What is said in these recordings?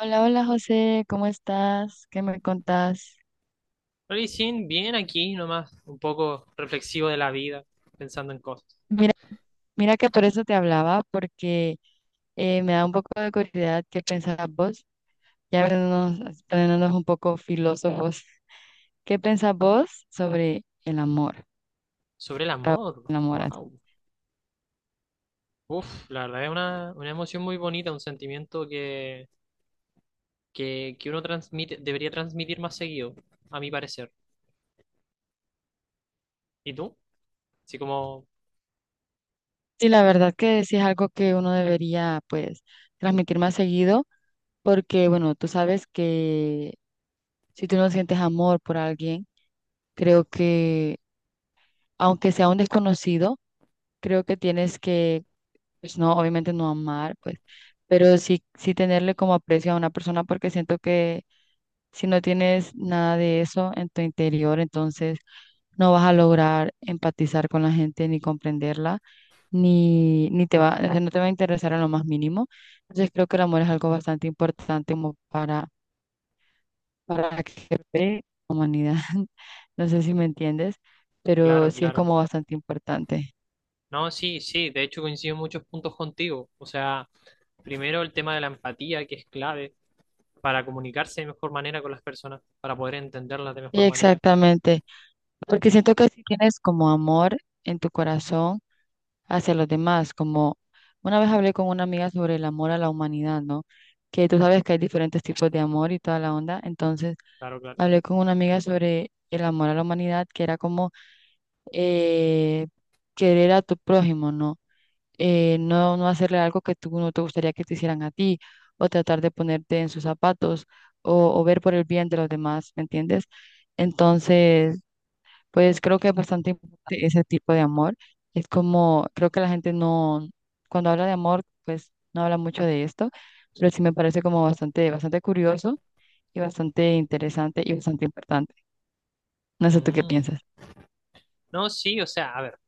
Hola, hola José, ¿cómo estás? ¿Qué me contás? Rally Sin, bien aquí nomás, un poco reflexivo de la vida, pensando en cosas. Mira, que por eso te hablaba, porque me da un poco de curiosidad qué pensás vos, ya poniéndonos un poco filósofos. ¿Qué pensás vos sobre el amor? Sobre el Para vos, amor, el amor así. wow. Uf, la verdad es una emoción muy bonita, un sentimiento que uno transmite, debería transmitir más seguido, a mi parecer. ¿Y tú? Así como, Sí, la verdad que sí, es algo que uno debería pues transmitir más seguido, porque bueno, tú sabes que si tú no sientes amor por alguien, creo que aunque sea un desconocido, creo que tienes que pues no, obviamente no amar, pues, pero sí, sí tenerle como aprecio a una persona, porque siento que si no tienes nada de eso en tu interior, entonces no vas a lograr empatizar con la gente ni comprenderla, ni te va, o sea, no te va a interesar en lo más mínimo. Entonces creo que el amor es algo bastante importante como para que la humanidad. No sé si me entiendes, pero claro, sí es claro. como bastante importante. No, sí, sí, de hecho coincido en muchos puntos contigo. O sea, primero el tema de la empatía, que es clave para comunicarse de mejor manera con las personas, para poder entenderlas de Y mejor manera. exactamente. Porque siento que si tienes como amor en tu corazón hacia los demás, como una vez hablé con una amiga sobre el amor a la humanidad, ¿no? Que tú sabes que hay diferentes tipos de amor y toda la onda. Entonces, Claro, claro. hablé con una amiga sobre el amor a la humanidad, que era como eh, querer a tu prójimo, ¿no? No hacerle algo que tú no te gustaría que te hicieran a ti, o tratar de ponerte en sus zapatos, o ver por el bien de los demás, ¿me entiendes? Entonces, pues creo que es bastante importante ese tipo de amor. Es como, creo que la gente no, cuando habla de amor, pues no habla mucho de esto, pero sí me parece como bastante curioso y bastante interesante y bastante importante. No sé tú qué Mm. piensas. No, sí, o sea, a ver.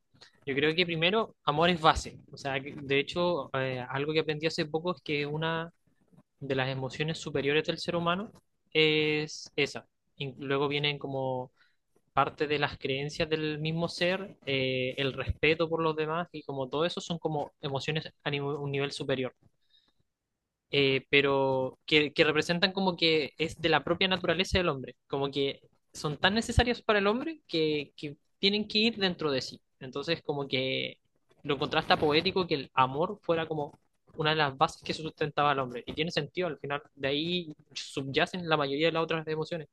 Yo creo que primero, amor es base. O sea, algo que aprendí hace poco es que una de las emociones superiores del ser humano es esa. Y luego vienen como parte de las creencias del mismo ser, el respeto por los demás y como todo eso son como emociones a un nivel superior pero que representan como que es de la propia naturaleza del hombre, como que son tan necesarias para el hombre que tienen que ir dentro de sí. Entonces, como que lo contrasta poético que el amor fuera como una de las bases que sustentaba al hombre. Y tiene sentido, al final de ahí subyacen la mayoría de las otras emociones.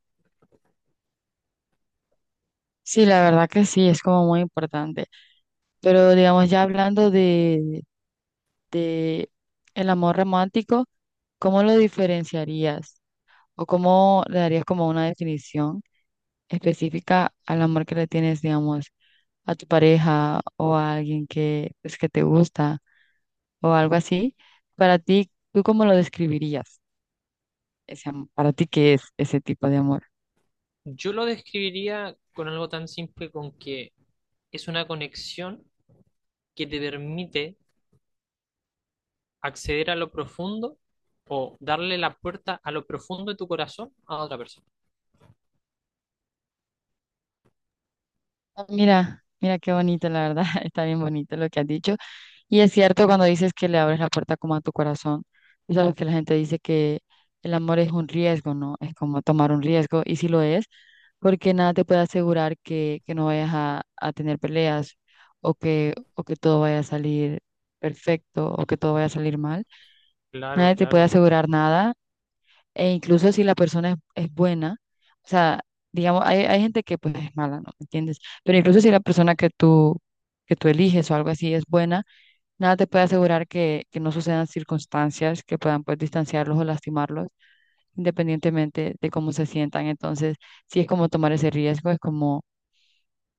Sí, la verdad que sí, es como muy importante. Pero digamos, ya hablando de el amor romántico, ¿cómo lo diferenciarías? ¿O cómo le darías como una definición específica al amor que le tienes, digamos, a tu pareja o a alguien que, pues, que te gusta o algo así? Para ti, ¿tú cómo lo describirías? Ese, am- para ti, ¿qué es ese tipo de amor? Yo lo describiría con algo tan simple con que es una conexión que te permite acceder a lo profundo o darle la puerta a lo profundo de tu corazón a otra persona. Ah, mira, qué bonito, la verdad, está bien bonito lo que has dicho. Y es cierto cuando dices que le abres la puerta como a tu corazón. Tú sabes que la gente dice que el amor es un riesgo, ¿no? Es como tomar un riesgo, y sí lo es, porque nada te puede asegurar que no vayas a tener peleas o que todo vaya a salir perfecto o que todo vaya a salir mal. Claro, Nadie te puede claro. asegurar nada, e incluso si la persona es buena, o sea, digamos, hay gente que pues es mala, ¿no? ¿Me entiendes? Pero incluso si la persona que tú eliges o algo así es buena, nada te puede asegurar que no sucedan circunstancias que puedan pues distanciarlos o lastimarlos, independientemente de cómo se sientan. Entonces, sí es como tomar ese riesgo, es como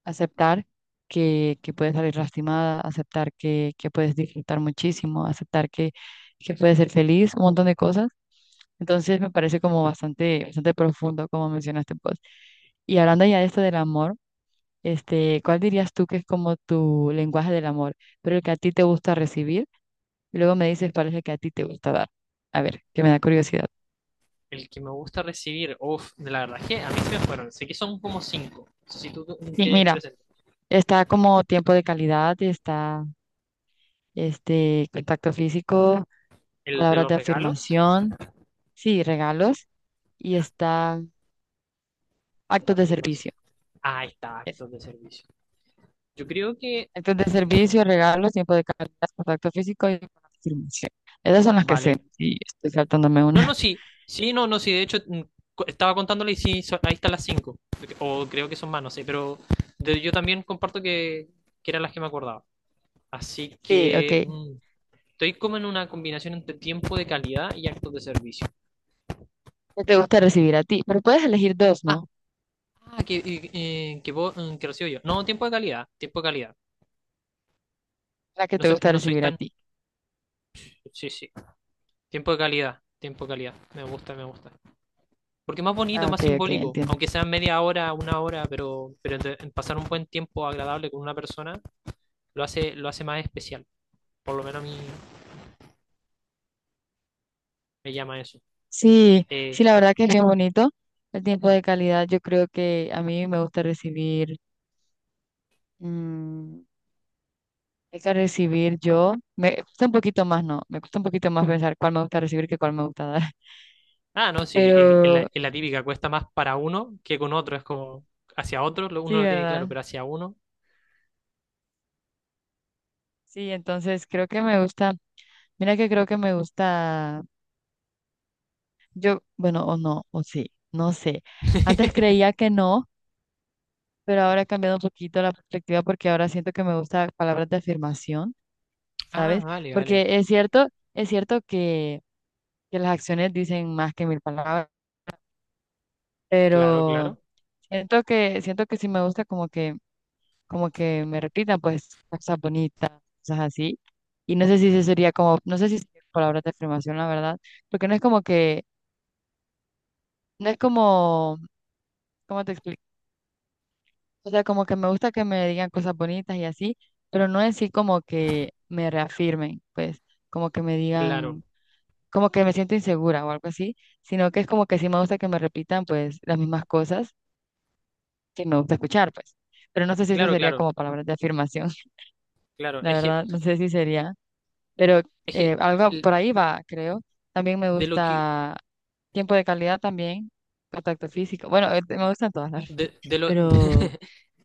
aceptar que puedes salir lastimada, aceptar que puedes disfrutar muchísimo, aceptar que puedes ser feliz, un montón de cosas. Entonces, me parece como bastante profundo, como mencionaste, pues. Y hablando ya de esto del amor. Este, ¿cuál dirías tú que es como tu lenguaje del amor, pero el que a ti te gusta recibir? Y luego me dices cuál es el que a ti te gusta dar. A ver, que me da curiosidad. El que me gusta recibir, uff, la verdad es que a mí se me fueron. Sé que son como cinco. No sé si tú Y tienes mira, presente está como tiempo de calidad, está este contacto físico, el de palabras los de regalos, afirmación, sí, regalos y ya, está actos ahora de firmas. servicio. Ah, ahí está, Eso. actos de servicio. Yo creo que, Actos de servicio, regalos, tiempo de calidad, contacto físico y afirmación. Esas son las que sé. vale. Sí, estoy saltándome No, una. no, sí, sí, no, no, sí. De hecho, estaba contándole y sí, ahí están las cinco. O creo que son más, no sé, pero yo también comparto que eran las que me acordaba. Así Sí, ok. que, estoy como en una combinación entre tiempo de calidad y actos de servicio. Que te gusta recibir a ti, pero puedes elegir dos, Ah, ¿no? Vos, que recibo yo. No, tiempo de calidad, tiempo de calidad. La que No te soy, gusta no soy recibir a tan... ti. Sí, sí. Tiempo de calidad, tiempo de calidad. Me gusta, me gusta. Porque es más bonito, Ah, más ok, ok, simbólico. entiendo. Aunque sea media hora, una hora, pero, en pasar un buen tiempo agradable con una persona lo hace más especial. Por lo menos a mí me llama eso. Sí, sí, Eh, la verdad que es bien bonito. El tiempo de calidad, yo creo que a mí me gusta recibir, mm, hay que recibir yo, me cuesta un poquito más, ¿no? Me cuesta un poquito más pensar cuál me gusta recibir que cuál me gusta dar. No, sí, es, Pero es la típica. Cuesta más para uno que con otro. Es como hacia otro, uno sí, lo tiene claro, ¿verdad? pero hacia uno Sí, entonces creo que me gusta, mira que creo que me gusta, yo, bueno, o no, o sí, no sé. Antes creía que no, pero ahora he cambiado un poquito la perspectiva, porque ahora siento que me gusta palabras de afirmación, Ah, ¿sabes? vale, vale. Porque es cierto, es cierto que, que las acciones dicen más que mil palabras, Claro, pero claro, siento que sí me gusta como que me repitan pues cosas bonitas, cosas así. Y no sé si eso sería como, no sé si sería palabras de afirmación, la verdad, porque no es como que, no es como, ¿cómo te explico? O sea, como que me gusta que me digan cosas bonitas y así, pero no en sí como que me reafirmen, pues, como que me claro, digan, como que me siento insegura o algo así, sino que es como que sí me gusta que me repitan, pues, las mismas cosas que me gusta escuchar, pues. Pero no sé si eso claro, sería claro, como palabras de afirmación, claro. la verdad, no sé si sería, pero Es que algo por el- ahí va, creo. También me de lo que, gusta tiempo de calidad también, contacto físico. Bueno, me gustan todas las, de lo, pero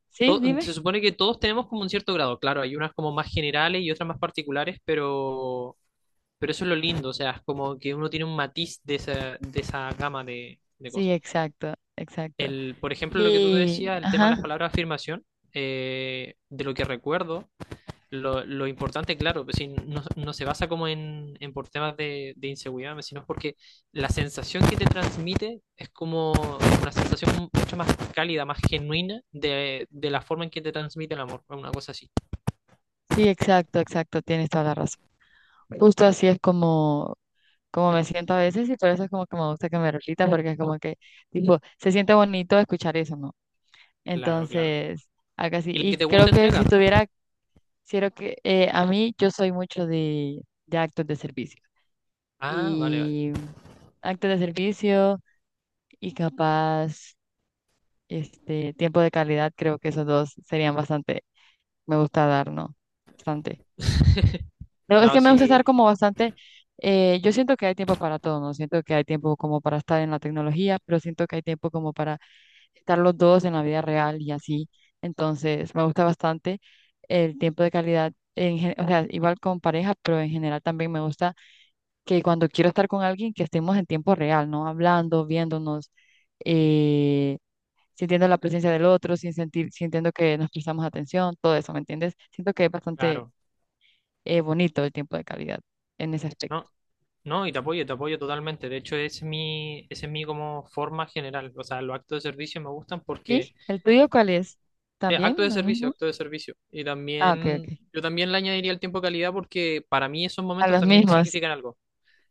sí, dime. se supone que todos tenemos como un cierto grado. Claro, hay unas como más generales y otras más particulares, pero eso es lo lindo. O sea, es como que uno tiene un matiz de esa gama de Sí, cosas. exacto, exacto. El, por ejemplo, lo que tú Y, decías, el tema de las ajá, palabras afirmación, de lo que recuerdo. Lo importante, claro, pues, si no, no se basa como en por temas de inseguridad, pues, sino porque la sensación que te transmite es como una sensación mucho más cálida, más genuina de la forma en que te transmite el amor, una cosa así. sí, exacto, exacto, tienes toda la razón. Justo así es como, como me siento a veces y por eso es como que me gusta que me repita, porque es como que, tipo, se siente bonito escuchar eso, ¿no? Claro, claro. Entonces, acá sí. ¿Y la que Y te creo gusta que entregar? si tuviera, creo que a mí yo soy mucho de actos de servicio Ah, vale, vale. y actos de servicio y capaz, este, tiempo de calidad, creo que esos dos serían bastante, me gusta dar, ¿no? Bastante. No, es No, que me gusta estar sí, como bastante, yo siento que hay tiempo para todo, ¿no? Siento que hay tiempo como para estar en la tecnología, pero siento que hay tiempo como para estar los dos en la vida real y así. Entonces, me gusta bastante el tiempo de calidad, en, gen- o sea, igual con pareja, pero en general también me gusta que cuando quiero estar con alguien, que estemos en tiempo real, ¿no? Hablando, viéndonos, eh, sintiendo la presencia del otro, sin sentir, sintiendo que nos prestamos atención, todo eso, ¿me entiendes? Siento que es bastante claro. Bonito el tiempo de calidad en ese aspecto. No, no, y te apoyo totalmente. De hecho, es mi, ese es mi como forma general. O sea, los actos de servicio me gustan porque ¿Y el tuyo cuál es? ¿También acto de lo servicio, mismo? acto de servicio. Y Ah, ok, ok. también, yo también le añadiría el tiempo de calidad porque para mí esos A momentos los también mismos. significan algo.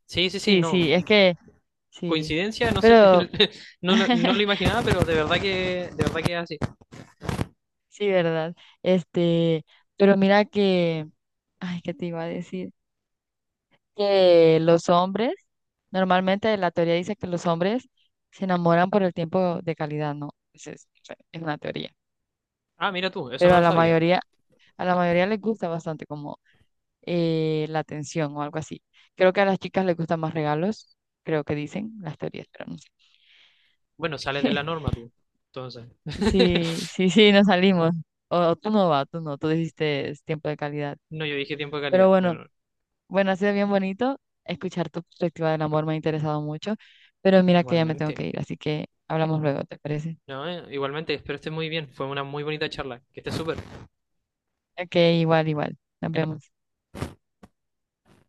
Sí, sí, sí, Sí, no. sí, es que sí. Coincidencia, no sé, Pero, no, no lo imaginaba, pero de verdad que es así. sí, ¿verdad? Este, pero mira que, ay, ¿qué te iba a decir? Que los hombres, normalmente la teoría dice que los hombres se enamoran por el tiempo de calidad, ¿no? Esa es, o sea, es una teoría. Ah, mira tú, eso Pero no a lo la sabía. mayoría, les gusta bastante como la atención o algo así. Creo que a las chicas les gustan más regalos, creo que dicen las teorías, pero no sé. Bueno, sales de la norma tú. Entonces. Sí, sí, sí, nos salimos. O tú no vas, tú no, tú dijiste es tiempo de calidad. No, yo dije tiempo de Pero calidad. No, bueno, no, bueno, ha sido bien bonito escuchar tu perspectiva del amor, me ha interesado mucho, pero mira que ya me tengo igualmente. que ir, así que hablamos luego, ¿te parece? No, igualmente, espero estés muy bien. Fue una muy bonita charla. Que estés súper. Ok, igual, igual. Nos vemos.